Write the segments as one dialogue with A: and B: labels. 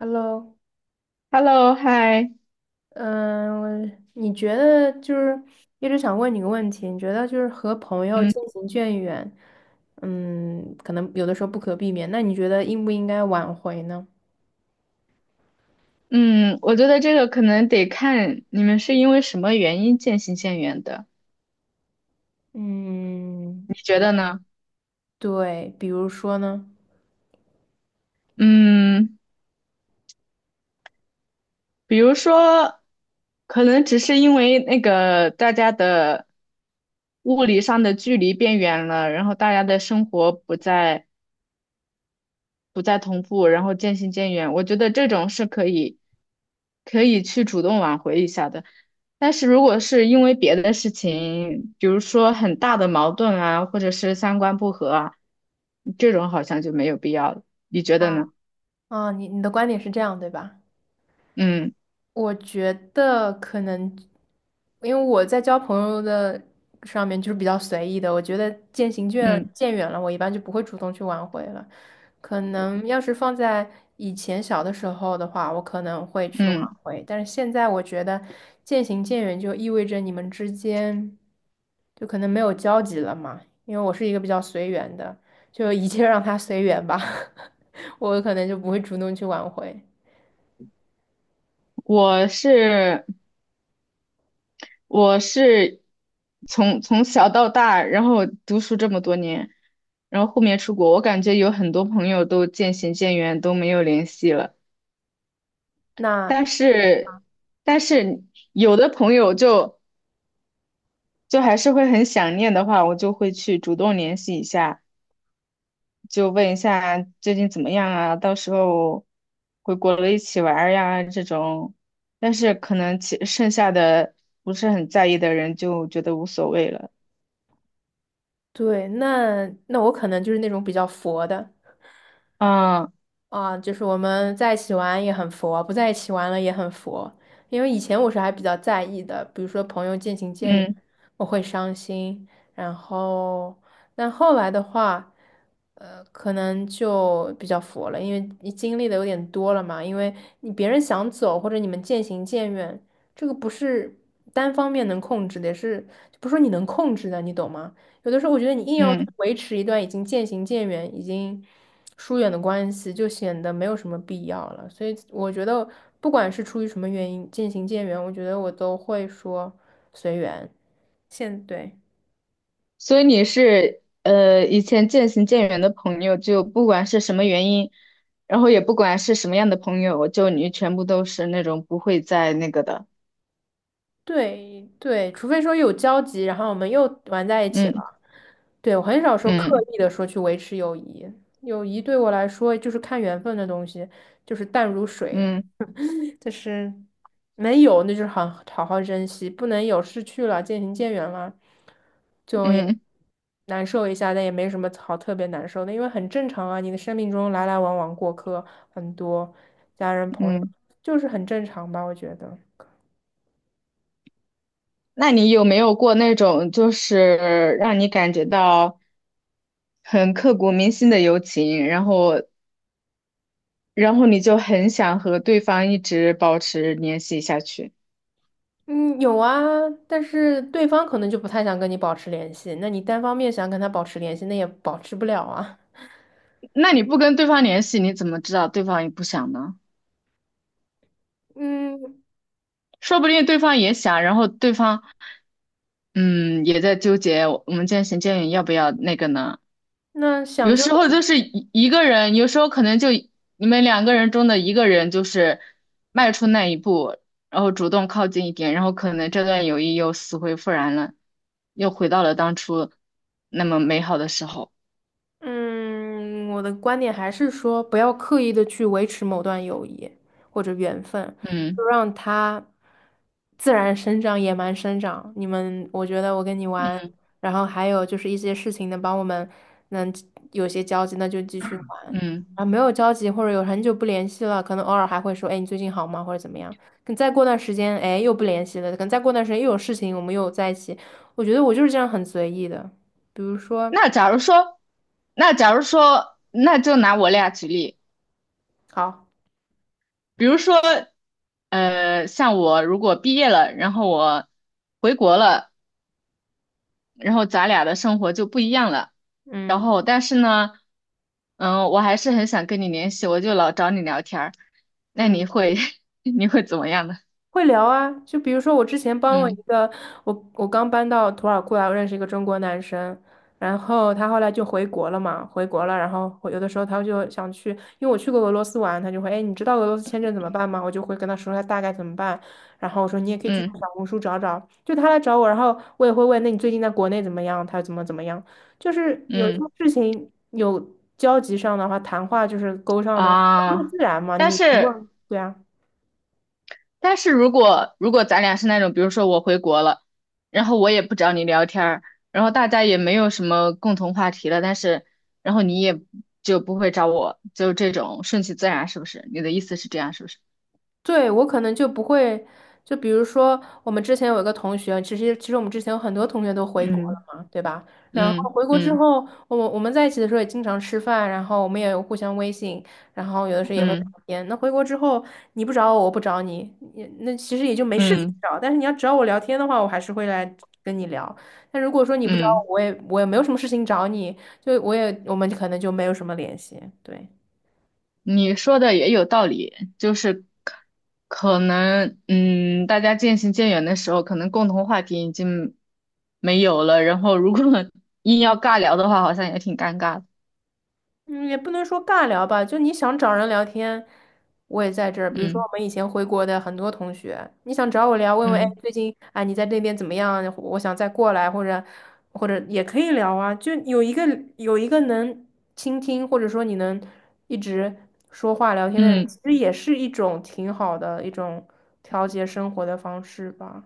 A: Hello，
B: Hello，嗨，
A: 嗯，我你觉得就是一直想问你个问题，你觉得就是和朋友
B: 嗯
A: 渐行渐远，嗯，可能有的时候不可避免，那你觉得应不应该挽回呢？
B: 嗯，我觉得这个可能得看你们是因为什么原因渐行渐远的，
A: 嗯，
B: 你觉得呢？
A: 对，比如说呢？
B: 嗯，比如说，可能只是因为那个大家的物理上的距离变远了，然后大家的生活不再同步，然后渐行渐远。我觉得这种是可以去主动挽回一下的。但是如果是因为别的事情，比如说很大的矛盾啊，或者是三观不合啊，这种好像就没有必要了。你觉得呢？
A: 啊，你的观点是这样，对吧？
B: 嗯
A: 我觉得可能，因为我在交朋友的上面就是比较随意的，我觉得渐行渐
B: 嗯
A: 渐远了，我一般就不会主动去挽回了。可能要是放在以前小的时候的话，我可能会去挽
B: 嗯，
A: 回，但是现在我觉得渐行渐远就意味着你们之间就可能没有交集了嘛，因为我是一个比较随缘的，就一切让它随缘吧，我可能就不会主动去挽回。
B: 我是我是从小到大，然后读书这么多年，然后后面出国，我感觉有很多朋友都渐行渐远，都没有联系了。
A: 那。
B: 但是，但是有的朋友就还是会很想念的话，我就会去主动联系一下，就问一下最近怎么样啊，到时候回国了一起玩儿呀这种。但是可能其剩下的不是很在意的人就觉得无所谓了。
A: 对，那我可能就是那种比较佛的
B: 啊，
A: 啊，就是我们在一起玩也很佛，不在一起玩了也很佛。因为以前我是还比较在意的，比如说朋友渐行渐远，
B: 嗯
A: 我会伤心。然后，但后来的话，可能就比较佛了，因为你经历的有点多了嘛。因为你别人想走，或者你们渐行渐远，这个不是单方面能控制的，也是不是说你能控制的，你懂吗？有的时候我觉得你硬要
B: 嗯。
A: 维持一段已经渐行渐远、已经疏远的关系，就显得没有什么必要了。所以我觉得，不管是出于什么原因渐行渐远，我觉得我都会说随缘。现对
B: 所以你是以前渐行渐远的朋友，就不管是什么原因，然后也不管是什么样的朋友，就你全部都是那种不会再那个的。
A: 对对，除非说有交集，然后我们又玩在一起
B: 嗯
A: 了。对，我很少说刻
B: 嗯
A: 意的说去维持友谊，友谊对我来说就是看缘分的东西，就是淡如水。
B: 嗯
A: 就是能有那就是好好珍惜，不能有失去了，渐行渐远了，
B: 嗯
A: 难受一下，但也没什么好特别难受的，因为很正常啊。你的生命中来来往往过客很多，家人朋友
B: 嗯。
A: 就是很正常吧，我觉得。
B: 那你有没有过那种就是让你感觉到很刻骨铭心的友情，然后你就很想和对方一直保持联系下去？
A: 嗯，有啊，但是对方可能就不太想跟你保持联系，那你单方面想跟他保持联系，那也保持不了啊。
B: 那你不跟对方联系，你怎么知道对方也不想呢？
A: 嗯，
B: 说不定对方也想，然后对方。嗯，也在纠结我们渐行渐远要不要那个呢？
A: 那想
B: 有
A: 就
B: 时候就是一个人，有时候可能就你们两个人中的一个人就是迈出那一步，然后主动靠近一点，然后可能这段友谊又死灰复燃了，又回到了当初那么美好的时候。
A: 嗯，我的观点还是说，不要刻意的去维持某段友谊或者缘分，就
B: 嗯
A: 让它自然生长、野蛮生长。你们，我觉得我跟你玩，
B: 嗯
A: 然后还有就是一些事情能帮我们能有些交集，那就继续玩。
B: 嗯。
A: 啊，没有交集或者有很久不联系了，可能偶尔还会说，哎，你最近好吗？或者怎么样？可再过段时间，哎，又不联系了，可能再过段时间又有事情，我们又在一起。我觉得我就是这样很随意的，比如说，
B: 那假如说，那假如说，那就拿我俩举例。
A: 好，
B: 比如说，像我如果毕业了，然后我回国了，然后咱俩的生活就不一样了。然
A: 嗯。
B: 后，但是呢，嗯，我还是很想跟你联系，我就老找你聊天儿。那
A: 嗯，
B: 你会 你会怎么样呢？
A: 会聊啊，就比如说我之前帮我一
B: 嗯
A: 个，我刚搬到土耳其来，我认识一个中国男生，然后他后来就回国了嘛，回国了，然后我有的时候他就想去，因为我去过俄罗斯玩，他就会，哎，你知道俄罗斯签证怎么办吗？我就会跟他说他大概怎么办，然后我说你也可以去
B: 嗯
A: 小红书找找，就他来找我，然后我也会问，那你最近在国内怎么样？他怎么怎么样？就是有些
B: 嗯
A: 事情有交集上的话，谈话就是勾上的话，那就
B: 啊，
A: 自然嘛，
B: 但
A: 你不
B: 是
A: 问，对啊。
B: 但是如果咱俩是那种，比如说我回国了，然后我也不找你聊天儿，然后大家也没有什么共同话题了，但是然后你也就不会找我，就这种顺其自然，是不是？你的意思是这样，是不是？
A: 对，我可能就不会，就比如说我们之前有一个同学，其实我们之前有很多同学都回国
B: 嗯
A: 了嘛，对吧？然后
B: 嗯
A: 回国之
B: 嗯。
A: 后，我们在一起的时候也经常吃饭，然后我们也有互相微信，然后有的时候也会聊
B: 嗯
A: 天。那回国之后，你不找我，我不找你，也那其实也就没事情
B: 嗯
A: 找。但是你要找我聊天的话，我还是会来跟你聊。但如果说你不找
B: 嗯，
A: 我，我也没有什么事情找你，就我们可能就没有什么联系，对。
B: 你说的也有道理，就是可能嗯，大家渐行渐远的时候，可能共同话题已经没有了，然后如果 硬要尬聊的话，好像也挺尴尬的。
A: 嗯，也不能说尬聊吧，就你想找人聊天，我也在这儿。比如说
B: 嗯
A: 我们以前回国的很多同学，你想找我聊，问问，哎，
B: 嗯
A: 最近啊你在那边怎么样？我想再过来，或者或者也可以聊啊。就有一个能倾听，或者说你能一直说话聊天的人，其
B: 嗯
A: 实也是一种挺好的一种调节生活的方式吧。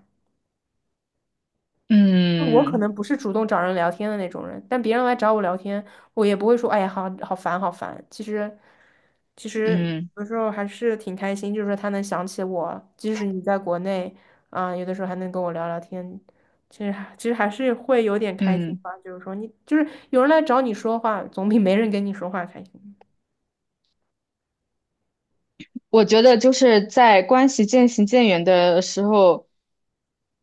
A: 我可
B: 嗯
A: 能不是主动找人聊天的那种人，但别人来找我聊天，我也不会说"哎呀，好烦，好烦"。其实，
B: 嗯
A: 有时候还是挺开心，就是说他能想起我，即使你在国内，啊、有的时候还能跟我聊聊天，其实还是会有点开心
B: 嗯，
A: 吧。就是说你，就是有人来找你说话，总比没人跟你说话开心。
B: 我觉得就是在关系渐行渐远的时候，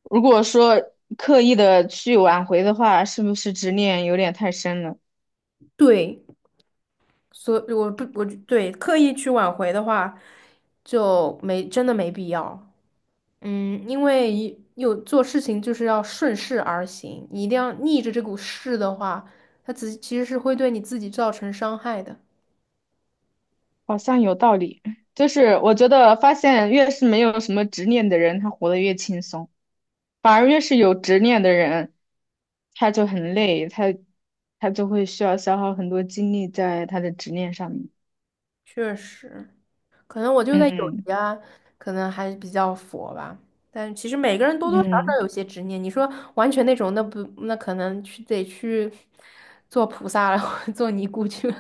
B: 如果说刻意的去挽回的话，是不是执念有点太深了？
A: 对，所以我不，我对刻意去挽回的话，就没真的没必要。嗯，因为一有做事情就是要顺势而行，你一定要逆着这股势的话，它只其实是会对你自己造成伤害的。
B: 好像有道理。就是我觉得发现越是没有什么执念的人，他活得越轻松，反而越是有执念的人，他就很累，他就会需要消耗很多精力在他的执念上面。
A: 确实，可能我就在友
B: 嗯
A: 谊啊，可能还比较佛吧。但其实每个人多多少
B: 嗯，
A: 少有些执念。你说完全那种，那不那可能去得去做菩萨了，或者做尼姑去了。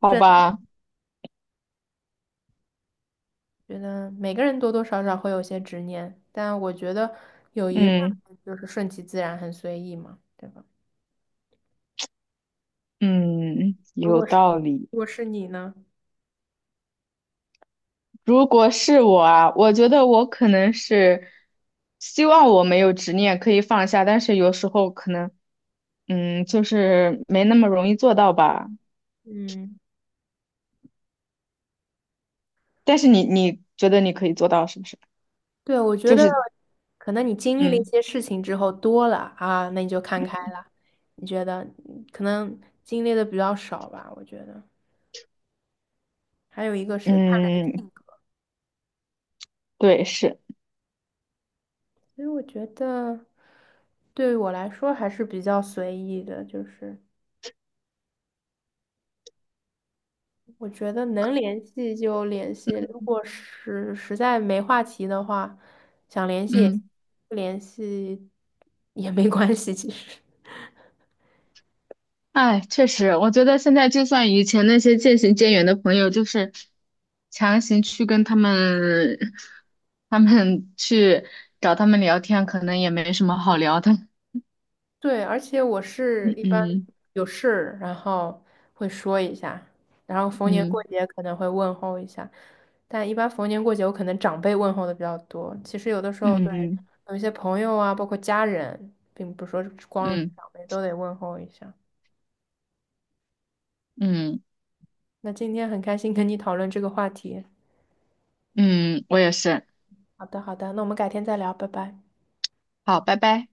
B: 好
A: 真的
B: 吧，
A: 觉得每个人多多少少会有些执念，但我觉得友谊上
B: 嗯
A: 面就是顺其自然，很随意嘛，对吧？
B: 嗯，
A: 如
B: 有
A: 果是
B: 道理。
A: 如果是你呢？
B: 如果是我啊，我觉得我可能是希望我没有执念可以放下，但是有时候可能，嗯，就是没那么容易做到吧。
A: 嗯，
B: 但是你觉得你可以做到是不是？
A: 对，我觉
B: 就
A: 得
B: 是
A: 可能你经历了一
B: 嗯
A: 些事情之后多了啊，那你就看开
B: 嗯
A: 了。你觉得嗯可能经历的比较少吧？我觉得还有一个是看人
B: 嗯，
A: 性格，
B: 对，是
A: 所以我觉得对于我来说还是比较随意的，就是我觉得能联系就联系，如果是实在没话题的话，想联系也行
B: 嗯，
A: 不联系也没关系，其实。
B: 哎，确实，我觉得现在就算以前那些渐行渐远的朋友，就是强行去跟他们，他们去找他们聊天，可能也没什么好聊的。
A: 对，而且我是 一般
B: 嗯
A: 有事，然后会说一下，然后逢年过
B: 嗯
A: 节可能会问候一下，但一般逢年过节我可能长辈问候的比较多。其实有的时候对
B: 嗯
A: 有一些朋友啊，包括家人，并不是说光是
B: 嗯
A: 长辈都得问候一下。
B: 嗯
A: 那今天很开心跟你讨论这个话题。
B: 嗯，我也是。
A: 好的，好的，那我们改天再聊，拜拜。
B: 好，拜拜。